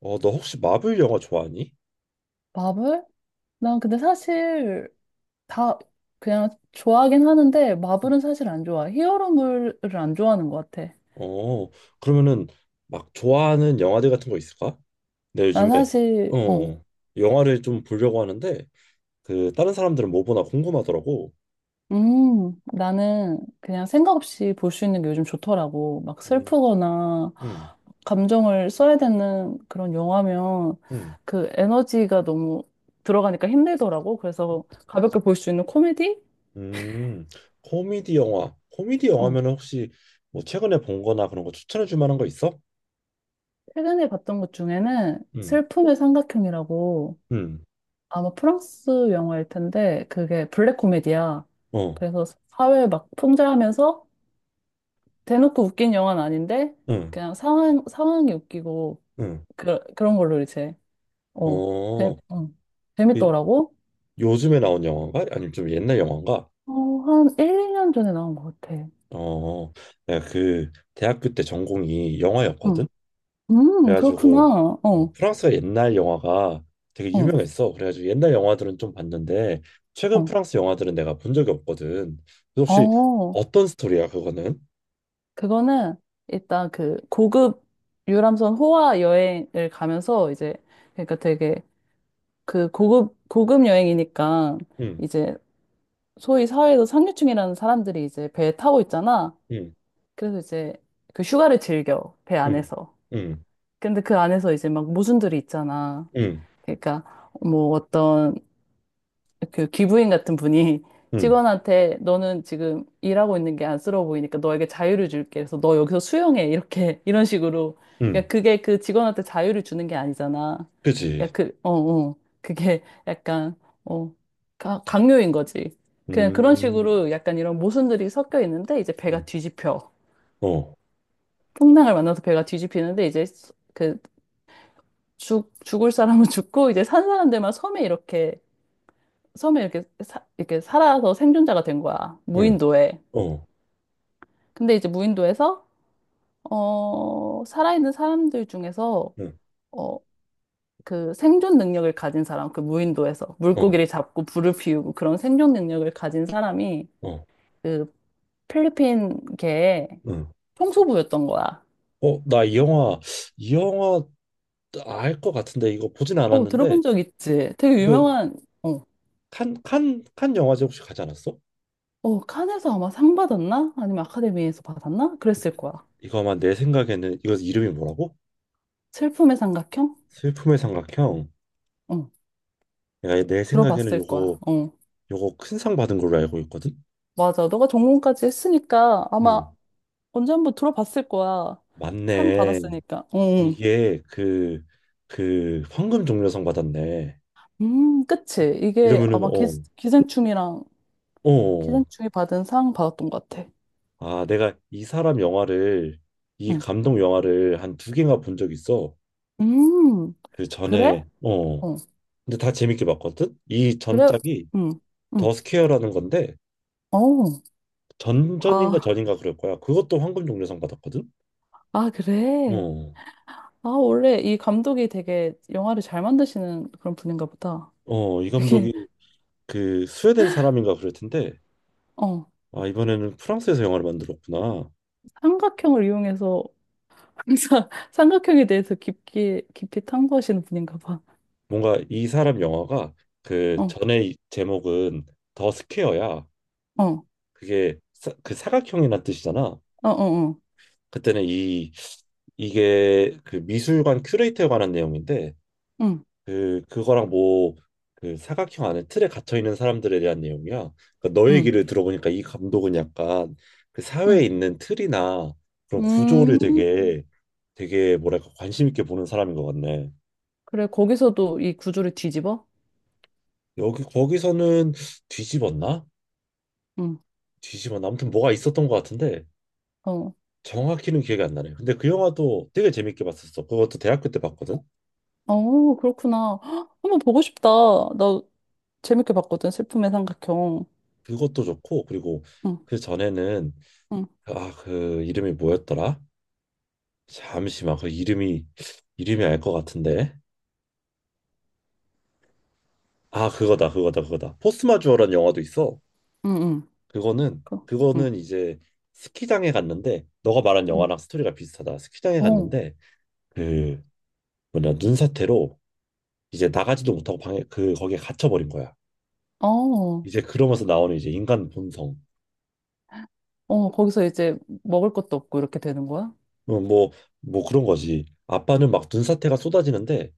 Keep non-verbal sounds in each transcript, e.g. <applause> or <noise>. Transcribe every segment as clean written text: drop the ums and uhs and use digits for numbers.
어, 너 혹시 마블 영화 좋아하니? 마블? 난 근데 사실 다 그냥 좋아하긴 하는데 마블은 사실 안 좋아. 히어로물을 안 좋아하는 것 같아. 어, 그러면은 막 좋아하는 영화들 같은 거 있을까? 내가 난 요즘에 사실 어. 어, 영화를 좀 보려고 하는데 그 다른 사람들은 뭐 보나 궁금하더라고. 나는 그냥 생각 없이 볼 수 있는 게 요즘 좋더라고. 막 음, 슬프거나 음, 감정을 써야 되는 그런 영화면 음, 그 에너지가 너무 들어가니까 힘들더라고. 그래서 가볍게 볼 수 있는 코미디? 음. 코미디 영화. 코미디 어. 영화면은 혹시 뭐 최근에 본 거나 그런 거 추천해 줄 만한 거 있어? 최근에 봤던 것 중에는 음, 슬픔의 삼각형이라고 음, 아마 프랑스 영화일 텐데 그게 블랙 코미디야. 어, 그래서 사회 막 풍자하면서 대놓고 웃긴 영화는 아닌데 음, 그냥 상황 상황이 웃기고 음. 그, 그런 걸로 이제 어, 재, 어, 어 그 재밌더라고. 요즘에 나온 영화인가? 아니면 좀 옛날 영화인가? 어, 한 1, 년 전에 나온 것 같아. 어, 내가 그 대학교 때 전공이 응. 영화였거든. 그렇구나. 그래가지고 어, 프랑스 옛날 영화가 되게 어, 유명했어. 그래가지고 옛날 영화들은 좀 봤는데 최근 어. 프랑스 영화들은 내가 본 적이 없거든. 그래서 혹시 어, 어떤 스토리야 그거는? 그거는 일단 그 고급 유람선 호화 여행을 가면서 이제 그러니까 되게 그 고급, 고급 여행이니까 응, 이제 소위 사회에서 상류층이라는 사람들이 이제 배에 타고 있잖아. 응, 그래서 이제 그 휴가를 즐겨, 배 응, 안에서. 응, 근데 그 안에서 이제 막 모순들이 있잖아. 응, 그러니까 뭐 어떤 그 기부인 같은 분이 <laughs> 응, 직원한테 너는 지금 일하고 있는 게 안쓰러워 보이니까 너에게 자유를 줄게. 그래서 너 여기서 수영해. 이렇게 <laughs> 이런 식으로. 응, 그러니까 그게 그 직원한테 자유를 주는 게 아니잖아. 그지? 그러니까 그, 어, 어. 그게 약간 어, 강요인 거지. 그냥 그런 음, 식으로 약간 이런 모순들이 섞여 있는데 이제 응, 배가 뒤집혀. 어, 풍랑을 만나서 배가 뒤집히는데 이제 그 죽을 사람은 <laughs> 죽고 이제 산 사람들만 섬에 이렇게 섬에 이렇게 이렇게 살아서 생존자가 된 거야. 응, 무인도에. 어, 근데 이제 무인도에서 어, 살아있는 사람들 중에서 응, 어, 그 생존 능력을 가진 사람, 그 무인도에서 어, 물고기를 잡고 불을 피우고 그런 생존 능력을 가진 사람이 어, 그 필리핀계의 응. 총수부였던 거야. 어, 나 이 영화 알 것 같은데 이거 보진 어, 않았는데. 들어본 적 있지? 되게 이거 유명한 어, 칸 영화제 혹시 가지 않았어? 어, 칸에서 아마 상 받았나? 아니면 아카데미에서 받았나? 그랬을 거야. 이거 아마 내 생각에는 이거 이름이 뭐라고? 슬픔의 삼각형? 슬픔의 삼각형. 어, 내가 내 생각에는 들어봤을 거야. 요거 어. 요거 큰 상 받은 걸로 알고 있거든. 맞아. 너가 전공까지 했으니까 아마 음, 언제 한번 들어봤을 거야. 상 맞네. 받았으니까. 응. 이게 그 황금 종려상 받았네. 응. 그치. 이게 이러면은 아마 어, 기생충이랑 어, 어, 어. 기생충이 받은 상 받았던 것 같아. 아 내가 이 응. 감독 영화를 한 두 개가 본 적 있어. 음, 그 전에 그래? 어, 어, 근데 다 재밌게 봤거든. 이 그래. 전작이 응, 더 응. 스퀘어라는 건데 어, 전전인가 아, 전인가 그럴 거야. 그것도 황금 종려상 받았거든. 아, 그래. 어, 아, 원래 이 감독이 되게 영화를 잘 만드시는 그런 분인가 보다. 어, 이 되게, 감독이 그 스웨덴 사람인가 그럴 텐데, 어, 아, 이번에는 프랑스에서 영화를 만들었구나. 삼각형을 이용해서 항상 <laughs> 삼각형에 대해서 깊게, 깊이 탐구하시는 분인가 봐. 뭔가 이 사람 영화가 그 어. 전에 이 제목은 더 스퀘어야. 어, 어, 그게 그 사각형이란 뜻이잖아. 어, 어, 그때는 이 이게 그 미술관 큐레이터에 관한 내용인데 응, 그거랑 뭐 그 사각형 안에 틀에 갇혀 있는 사람들에 대한 내용이야. 그러니까 너 응, 얘기를 들어보니까 이 감독은 약간 그 응, 사회에 있는 틀이나 그런 구조를 음, 되게 되게 뭐랄까 관심 있게 보는 사람인 것 같네. 그래, 거기서도 이 구조를 뒤집어? 여기 거기서는 뒤집었나? 응, 뒤집었나? 아무튼 뭐가 있었던 것 같은데 어, 정확히는 기억이 안 나네. 근데 그 영화도 되게 재밌게 봤었어. 그것도 대학교 때 봤거든. 어, 그렇구나. <gasps> 헉, 한번 보고 싶다. 나 재밌게 봤거든, 슬픔의 삼각형. 그것도 좋고 그리고 응, 그 전에는 응, 아 그 이름이 뭐였더라? 잠시만 그 이름이 알 것 같은데 아 그거다 그거다 그거다 포스마주어라는 영화도 있어. 응, 응, 그거는 그, 응, 그거는 이제 스키장에 갔는데 너가 말한 응, 영화랑 스토리가 비슷하다. 스키장에 어, 갔는데 그 뭐냐 눈사태로 이제 나가지도 못하고 방에 그 거기에 갇혀버린 거야. 어, 이제 그러면서 나오는 이제 인간 본성 어, 거기서 이제 먹을 것도 없고 이렇게 되는 거야? 뭐뭐 뭐 뭐 그런 거지. 아빠는 막 눈사태가 쏟아지는데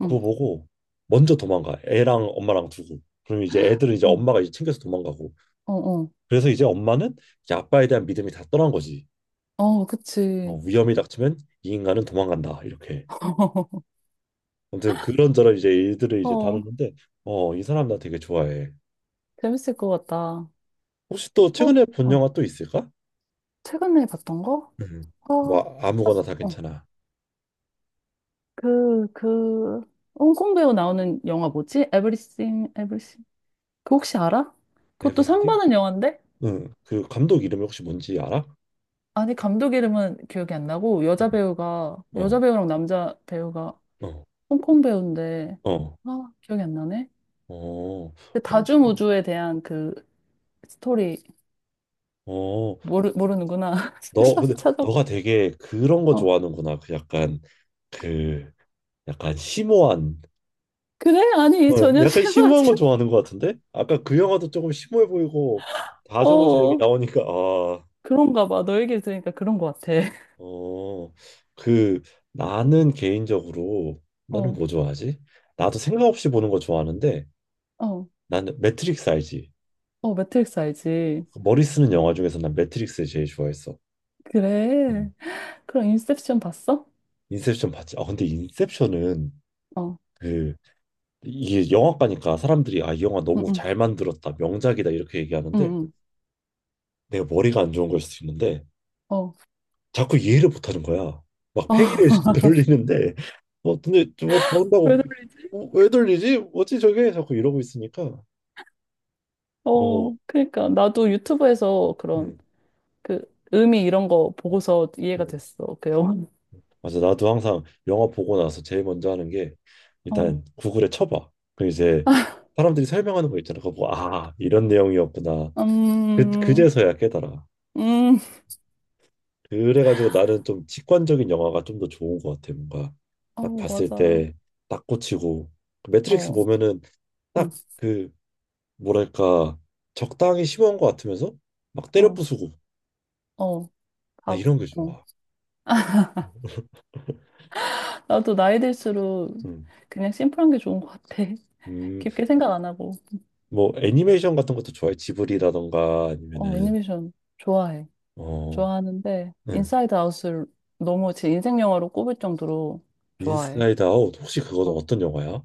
응, 그거 보고 먼저 도망가 애랑 엄마랑 두고 그럼 이제 애들은 이제 어, 엄마가 이제 챙겨서 도망가고 어, 어, 그래서 이제 엄마는 이제 아빠에 대한 믿음이 다 떠난 거지. 어, 어, 그치. 위험이 닥치면 이 인간은 도망간다. 이렇게. <laughs> 아무튼 그런저런 이제 일들을 이제 어, 다루는데 어, 이 사람 나 되게 좋아해. 재밌을 것 같다. 혹시 또 어, 최근에 본 어, 영화 또 있을까? 최근에 봤던 거? 음. 아, 뭐 아무거나 사실, 다 괜찮아. 그, 그, 홍콩 배우 나오는 영화 뭐지? Everything, Everything. 그 혹시 알아? 그것도 상 에브리띵? 받은 영화인데? 응. 그 감독 이름이 혹시 뭔지 알아? 아니, 감독 이름은 기억이 안 나고, 응. 여자 배우가, 여자 어. 배우랑 남자 배우가 어. 홍콩 배우인데, 어. 아, 기억이 안 나네? 어. 그 다중우주에 대한 그 스토리, 어. 모르는구나. 너 근데 <laughs> 찾아 너가 되게 그런 거 어. 좋아하는구나. 그 약간 심오한 그래? 어, 아니, 전혀 약간 심오한 심하지. 거 <laughs> 좋아하는 것 같은데? 아까 그 영화도 조금 심오해 보이고 다정우주 얘기 어, 나오니까 아, 그런가 봐. 너 얘기를 들으니까 그런 것 같아. <laughs> 어, 그 나는 개인적으로 나는 어, 뭐 좋아하지? 나도 생각 없이 보는 거 좋아하는데 어, 나는 매트릭스 알지? 어, 매트릭스 알지? 그 머리 쓰는 영화 중에서 난 매트릭스 제일 좋아했어. 음. 그래. 그럼 인셉션 봤어? 인셉션 봤지? 아 근데 인셉션은 어, 그 이게 영화과니까 사람들이 아 이 영화 너무 응응, 잘 만들었다 명작이다 이렇게 얘기하는데 응응, 내가 머리가 안 좋은 걸 수도 있는데 어, 어, 자꾸 이해를 못하는 거야. 막 팽이를 <laughs> <laughs> 돌리는데 어, 근데 뭐 왜 저런다고 놀리? 어, 왜 돌리지? 뭐지 저게? 자꾸 이러고 있으니까 어, 어, 그러니까 나도 유튜브에서 그런 음, 그 의미 이런 거 보고서 이해가 음. 됐어, 그 영화. 맞아 나도 항상 영화 보고 나서 제일 먼저 하는 게 어, 일단 구글에 쳐봐. 그럼 이제 사람들이 설명하는 거 있잖아. 그거 보고 아 이런 내용이었구나. 그 음, 그제서야 깨달아. 음, 그래가지고 나는 좀 직관적인 영화가 좀 더 좋은 것 같아. 뭔가 딱 어, 봤을 맞아. 때 딱 꽂히고 그 매트릭스 어, 보면은 응, 딱그 뭐랄까 적당히 심오한 것 같으면서 막 때려 어, 부수고 어, 나 답. 이런 게 어. 좋아. 나도 나이 들수록 음, 그냥 심플한 게 좋은 것 같아. <laughs> 음, 깊게 생각 안 하고. 뭐 애니메이션 같은 것도 좋아해. 지브리라던가 어, 아니면은 애니메이션 좋아해. 어, 좋아하는데 응, 인사이드 아웃을 너무 제 인생 영화로 꼽을 정도로 좋아해. 인사이드 아웃 혹시 그거 어떤 영화야?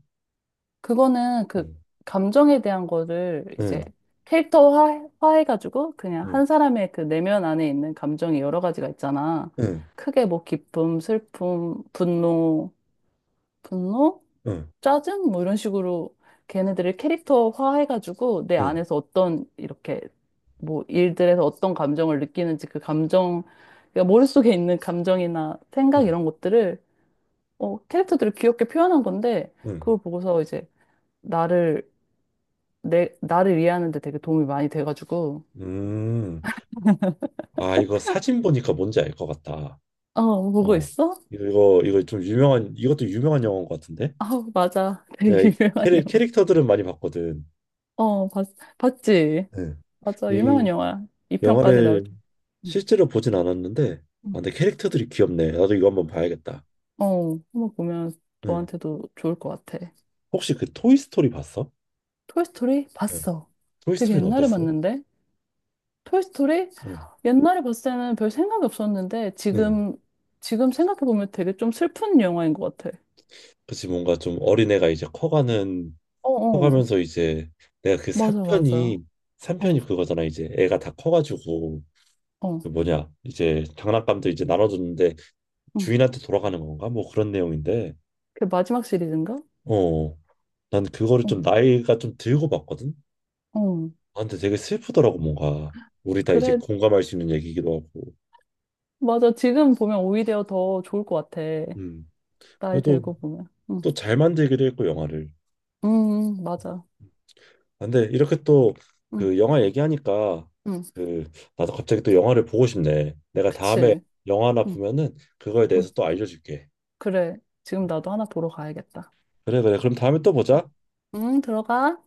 그거는 그 응, 감정에 대한 거를 응, 이제 캐릭터화 해가지고 그냥 응, 한 사람의 그 내면 안에 있는 감정이 여러 가지가 있잖아. 응, 크게 뭐 기쁨, 슬픔, 분노, 분노, 응, 짜증 뭐 이런 식으로 걔네들을 캐릭터화 해가지고 내 응, 안에서 어떤 이렇게 뭐 일들에서 어떤 감정을 느끼는지 그 감정, 그러니까 머릿속에 있는 감정이나 생각 응, 이런 것들을 어, 캐릭터들을 귀엽게 표현한 건데 응. 그걸 보고서 이제 나를 나를 이해하는 데 되게 도움이 많이 돼가지고. 음, 아 이거 사진 보니까 뭔지 알 것 같다. 어, 보고 어, 있어? 이거 좀 유명한 이것도 유명한 영화인 것 같은데 아우, 맞아. <laughs> 내가 되게 이 유명한 영화. 캐릭터들은 많이 봤거든. 어, 봤, 봤지? 응. 맞아, 유명한 이 영화야. 2편까지 나올 영화를 줄. 응, 실제로 보진 않았는데, 아, 응. 근데 캐릭터들이 귀엽네. 나도 이거 한번 봐야겠다. 어, 한번 보면 응. 너한테도 좋을 것 같아. 혹시 그 토이스토리 봤어? 토이스토리 응. 봤어. 되게 토이스토리는 옛날에 어땠어? 봤는데? 토이스토리? 응. 옛날에 봤을 때는 별 생각이 없었는데, 응. 지금, 지금 생각해보면 되게 좀 슬픈 영화인 것 같아. 그치, 뭔가 좀 어린애가 이제 커가는, 어, 어. 커가면서 이제 내가 그 맞아, 맞아. 3편이, 어, 3편이 그거잖아. 이제 애가 다 커가지고, 어. 그 뭐냐, 이제 장난감도 이제 나눠줬는데 응. 주인한테 돌아가는 건가? 뭐 그런 내용인데, 그 마지막 시리즈인가? 어, 난 그거를 어, 좀 나이가 좀 들고 봤거든. 어. 아, 근데 되게 슬프더라고 뭔가 우리 다 이제 그래, 공감할 수 있는 얘기기도 하고 맞아. 지금 보면 오히려 더 좋을 것 같아. 음 나이 그래도 들고 보면. 응, 또 잘 만들기도 했고 영화를 응, 응, 맞아. 아, 근데 이렇게 또 응, 그 영화 얘기하니까 응, 그 나도 갑자기 또 영화를 보고 싶네. 내가 다음에 그치. 영화 하나 응, 보면은 그거에 응. 대해서 또 알려줄게. 그래. 지금 나도 하나 보러 가야겠다. 그래 그래 그럼 다음에 또 보자. 응, 들어가.